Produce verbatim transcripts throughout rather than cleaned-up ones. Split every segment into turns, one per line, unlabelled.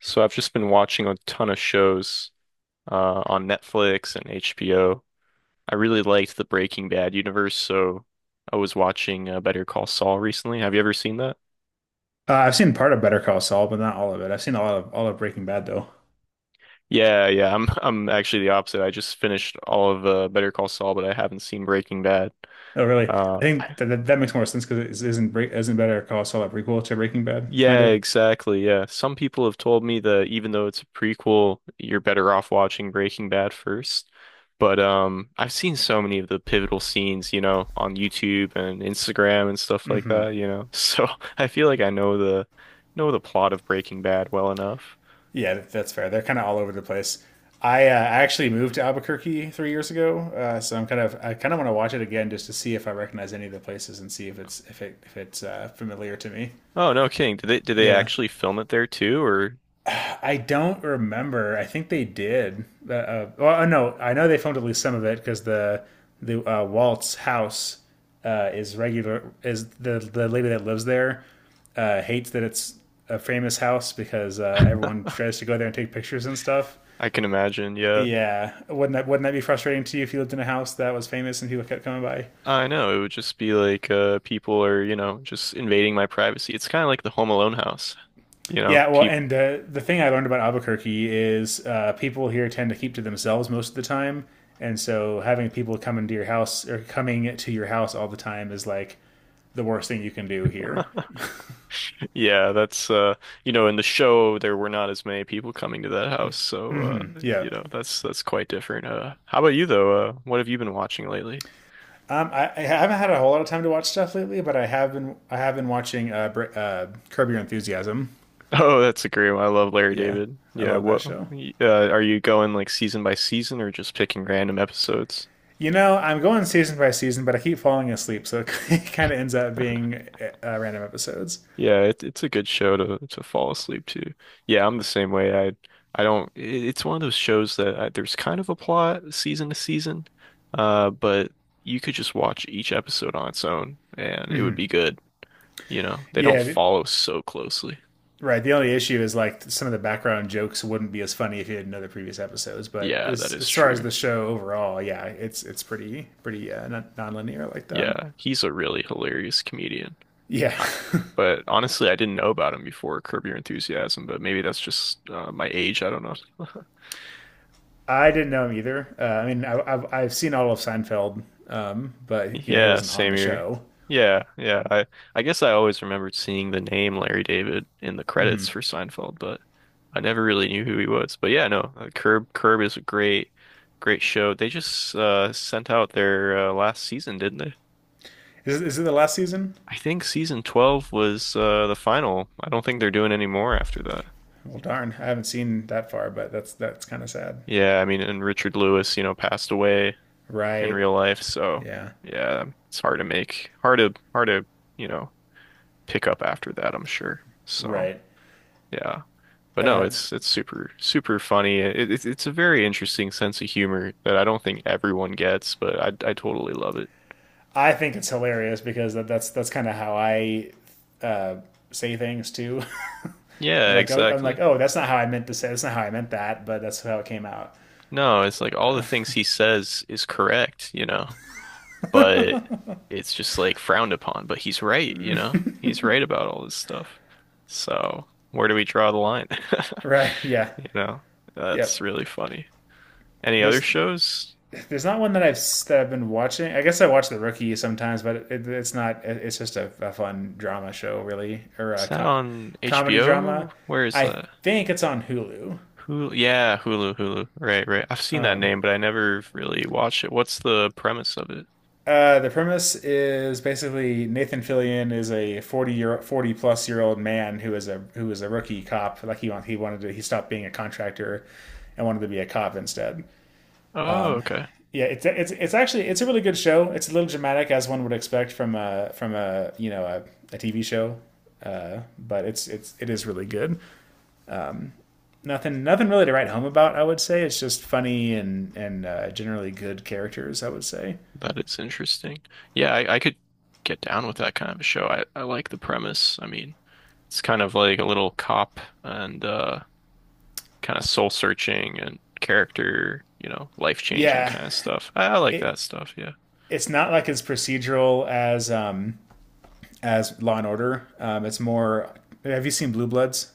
So I've just been watching a ton of shows uh, on Netflix and H B O. I really liked the Breaking Bad universe, so I was watching uh, Better Call Saul recently. Have you ever seen that?
Uh, I've seen part of Better Call Saul, but not all of it. I've seen a lot of all of Breaking Bad though.
Yeah, yeah. I'm I'm actually the opposite. I just finished all of uh, Better Call Saul, but I haven't seen Breaking Bad.
Oh, really? I
Uh,
think that that, that makes more sense because its not Bre- isn't Better Call Saul a prequel to Breaking Bad, kind
Yeah,
of?
exactly. Yeah. Some people have told me that even though it's a prequel, you're better off watching Breaking Bad first. But um I've seen so many of the pivotal scenes, you know, on YouTube and Instagram and stuff like
Hmm.
that, you know. So I feel like I know the know the plot of Breaking Bad well enough.
Yeah, that- that's fair. They're kind of all over the place. I uh, actually moved to Albuquerque three years ago, uh, so I'm kind of I kind of want to watch it again just to see if I recognize any of the places and see if it's if it if it's uh, familiar to me.
Oh, no kidding. Did they did they
Yeah.
actually film it there too? Or
I don't remember. I think they did. Uh, uh, well, uh, no, I know they filmed at least some of it because the the uh, Walt's house uh, is regular. Is the the lady that lives there uh, hates that it's a famous house because uh, everyone tries to go there and take pictures and stuff.
I can imagine, yeah.
Yeah, wouldn't that wouldn't that be frustrating to you if you lived in a house that was famous and people kept coming by?
I know, it would just be like uh people are, you know, just invading my privacy. It's kind of like the Home Alone house. You know,
Yeah, well,
people
and uh, the thing I learned about Albuquerque is uh, people here tend to keep to themselves most of the time, and so having people come into your house or coming to your house all the time is like the worst thing you can do here.
yeah, that's uh you know in the show there were not as many people coming to that house, so uh
Yeah.
you know that's that's quite different. Uh how about you though? Uh what have you been watching lately?
Um, I, I haven't had a whole lot of time to watch stuff lately, but I have been I have been watching uh, uh, Curb Your Enthusiasm.
Oh, that's a great one. I love Larry
Yeah,
David.
I
Yeah,
love that
what uh
show.
are you going like season by season or just picking random episodes?
You know, I'm going season by season, but I keep falling asleep, so it kind of ends up being uh, random episodes.
Yeah, it, it's a good show to to fall asleep to. Yeah, I'm the same way. I I don't. It, it's one of those shows that I, there's kind of a plot season to season, uh, but you could just watch each episode on its own and it would be good. You know, they don't
Yeah.
follow so closely.
Right. The only issue is like some of the background jokes wouldn't be as funny if you didn't know the previous episodes. But
Yeah, that
as,
is
as far as
true.
the show overall, yeah, it's it's pretty pretty uh, non- nonlinear like that.
Yeah, he's a really hilarious comedian.
Yeah,
I, but honestly, I didn't know about him before Curb Your Enthusiasm, but maybe that's just uh, my age. I don't know.
I didn't know him either. Uh, I mean, I, I've I've seen all of Seinfeld, um, but you know he
Yeah,
wasn't on
same
the
here.
show.
Yeah, yeah. I I guess I always remembered seeing the name Larry David in the credits for Seinfeld, but I never really knew who he was. But yeah, no, uh, Curb Curb is a great great show. They just uh sent out their uh, last season, didn't they?
Is is it the last season?
I think season twelve was uh the final. I don't think they're doing any more after that.
Well, darn, I haven't seen that far, but that's that's kind of sad.
Yeah, I mean, and Richard Lewis, you know, passed away in
Right.
real life, so
Yeah.
yeah, it's hard to make hard to hard to, you know, pick up after that, I'm sure. So
Right.
yeah. But no,
Uh,
it's it's super super funny. It, it, it's a very interesting sense of humor that I don't think everyone gets, but I I totally love it.
I think it's hilarious because that, that's that's kind of how I say things too. And
Yeah,
like, oh, I'm like,
exactly.
oh, that's not how I meant to say. That's not how I meant that, but that's how it came out.
No, it's like all the things he says is correct, you know, but it's just like frowned upon, but he's right, you know. He's right about all this stuff. So, where do we draw the line?
Right? Yeah.
You know, that's
Yep.
really funny. Any other
There's
shows?
there's not one that I've that I've been watching. I guess I watch The Rookie sometimes, but it, it's not. it's just a, a fun drama show, really, or
Is
a
that
co-
on
comedy
H B O?
drama.
Where is
I
that?
think it's on Hulu.
Hulu, yeah, Hulu, Hulu. Right, right. I've seen that name, but I never really watched it. What's the premise of it?
Uh, the premise is basically Nathan Fillion is a forty year forty plus year old man who is a who is a rookie cop. Like he want, he wanted to he stopped being a contractor and wanted to be a cop instead.
Oh, okay.
Yeah, it's it's it's actually it's a really good show. It's a little dramatic as one would expect from a from a you know a, T V show, uh, but it's it's it is really good. Nothing nothing really to write home about. I would say it's just funny and and uh, generally good characters. I would say
That is interesting. Yeah, I, I could get down with that kind of a show. I, I like the premise. I mean, it's kind of like a little cop and uh kind of soul searching and character, you know, life changing
yeah,
kind of stuff. I, I like
it
that stuff, yeah.
it's not like as procedural as um as Law and Order. Um, it's more. Have you seen Blue Bloods?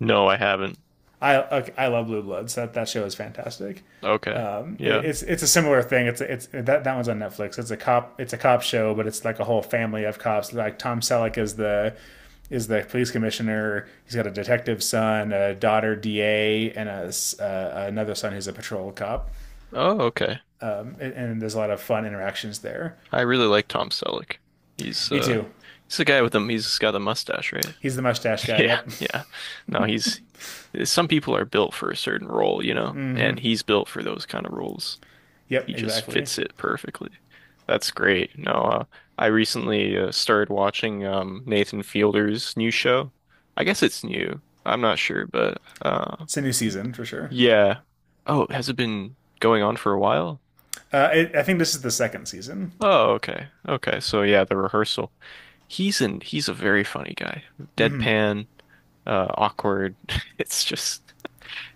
No, I haven't.
I I love Blue Bloods. That that show is fantastic.
Okay. Yeah.
it's it's a similar thing. It's it's that that one's on Netflix. It's a cop it's a cop show, but it's like a whole family of cops. Like Tom Selleck is the is the police commissioner. He's got a detective son, a daughter D A, and a uh, another son who's a patrol cop.
Oh, okay.
Um, and, and there's a lot of fun interactions there.
I really like Tom Selleck. He's
Me
uh
too.
he's the guy with the he's got the mustache, right?
He's the mustache guy.
Yeah,
Yep.
yeah. No, he's some people are built for a certain role, you know, and he's built for those kind of roles.
Yep.
He just
Exactly.
fits it perfectly. That's great. No, uh, I recently uh, started watching um, Nathan Fielder's new show. I guess it's new. I'm not sure, but uh,
It's a new season for sure.
yeah. Oh, has it been going on for a while?
Uh, it, I think this is the second season.
Oh, okay. Okay. So yeah, the rehearsal. He's an he's a very funny guy. Deadpan, uh, awkward. It's just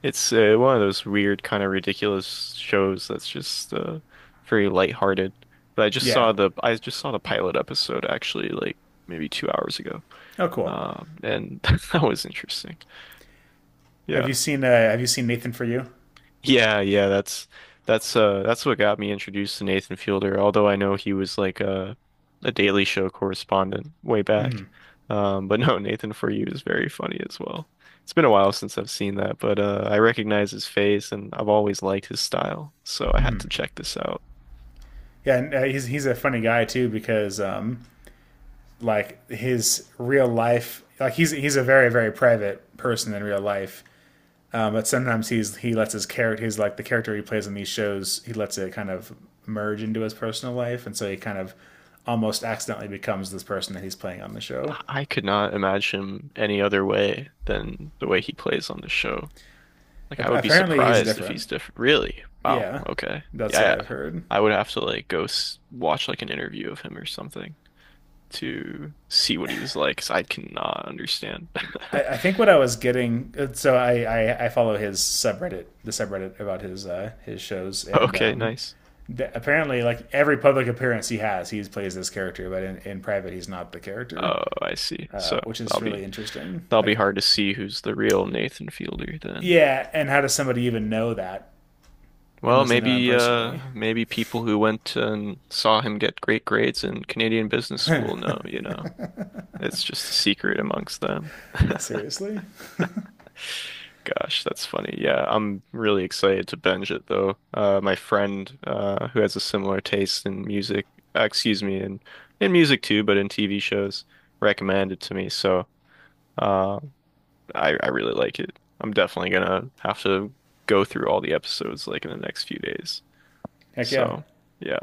It's uh, one of those weird, kind of ridiculous shows that's just uh, very lighthearted. But I just
Yeah.
saw the I just saw the pilot episode actually, like maybe two hours ago.
Oh, cool.
Um, and that was interesting.
Have
Yeah.
you seen uh, Have you seen Nathan for You?
Yeah, yeah, that's that's uh that's what got me introduced to Nathan Fielder, although I know he was like a a Daily Show correspondent way back. Um but no, Nathan For You is very funny as well. It's been a while since I've seen that, but uh I recognize his face and I've always liked his style, so I had to check this out.
Yeah, and uh, he's he's a funny guy too because um, like his real life, like he's he's a very very private person in real life. Um, but sometimes he's he lets his character, he's like the character he plays in these shows, he lets it kind of merge into his personal life, and so he kind of almost accidentally becomes this person that he's playing on the show.
I I could not imagine him any other way than the way he plays on the show. Like I would be
Apparently, he's
surprised if
different.
he's different. Really? Wow.
Yeah,
Okay.
that's
Yeah,
what
yeah.
I've heard.
I would have to like go s watch like an interview of him or something to see what he was like, 'cause I cannot understand.
I, I think what I was getting uh, so I, I I follow his subreddit, the subreddit about his uh, his shows, and
Okay,
um,
nice.
that apparently like every public appearance he has he plays this character but in, in private he's not the character
Oh, I see.
uh,
So
which is
that'll
really
be
interesting
that'll be
like.
hard to see who's the real Nathan Fielder then.
Yeah. And how does somebody even know that
Well,
unless they know him
maybe
personally?
uh maybe people who went and saw him get great grades in Canadian business school know, you know. It's just a secret amongst them.
Seriously.
Gosh, that's funny. Yeah, I'm really excited to binge it though. Uh, my friend uh, who has a similar taste in music, uh, excuse me, in in music too, but in T V shows, recommended to me. So uh, I I really like it. I'm definitely gonna have to go through all the episodes like in the next few days.
Heck yeah.
So yeah.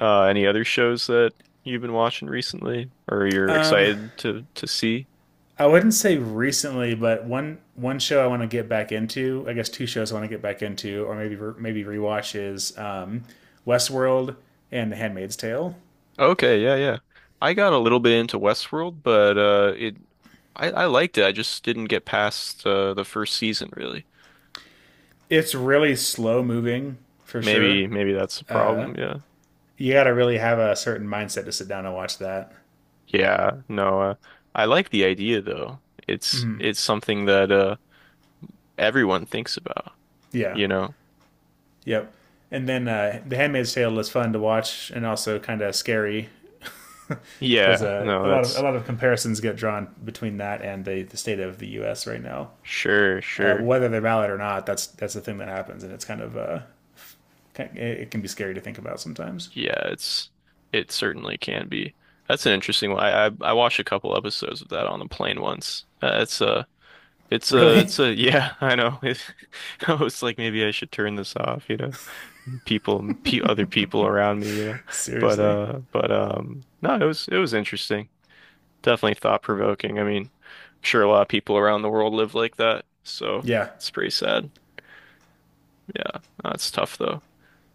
Uh, any other shows that you've been watching recently or you're excited to to see?
I wouldn't say recently, but one one show I want to get back into, I guess two shows I want to get back into, or maybe maybe rewatch is um, Westworld and The Handmaid's Tale.
Okay, yeah, yeah. I got a little bit into Westworld, but uh it I, I liked it. I just didn't get past uh, the first season really.
It's really slow moving for sure.
Maybe maybe that's the problem, yeah.
You gotta really have a certain mindset to sit down and watch that.
Yeah, no, uh, I like the idea though. It's it's something that uh everyone thinks about,
Yeah.
you know.
Yep. And then uh, The Handmaid's Tale is fun to watch and also kind of scary because
Yeah,
uh,
no,
a lot of a
that's
lot of comparisons get drawn between that and the, the state of the U S right now.
sure,
Uh,
sure.
whether they're valid or not, that's that's the thing that happens, and it's kind of uh, it it can be scary to think about sometimes.
Yeah, it's it certainly can be. That's an interesting one. I I, I watched a couple episodes of that on the plane once. Uh, it's uh It's a,
Really?
it's a, yeah, I know. It, I was like, maybe I should turn this off, you know. People, pe Other people around me, you know. But,
Seriously.
uh, but, um, no, it was, it was interesting. Definitely thought-provoking. I mean, I'm sure a lot of people around the world live like that, so
Yeah,
it's pretty sad. Yeah, that's tough though.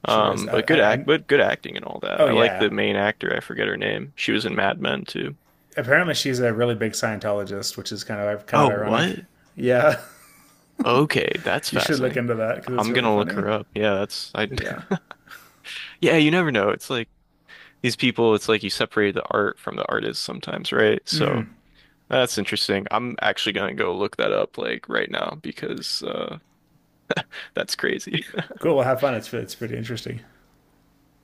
sure is.
Um,
I,
but
I,
good act,
I,
but good acting and all that.
oh
I like
yeah,
the main actor. I forget her name. She was in Mad Men too.
apparently she's a really big Scientologist, which is kind of kind of
Oh, what?
ironic. Yeah,
Okay, that's
you should look
fascinating.
into that because it's
I'm
really
gonna look
funny.
her up. Yeah, that's I.
Yeah.
Yeah, you never know. It's like these people, it's like you separate the art from the artist sometimes, right? So that's interesting. I'm actually gonna go look that up like right now because uh that's crazy.
Cool. Well, have fun. It's it's pretty interesting.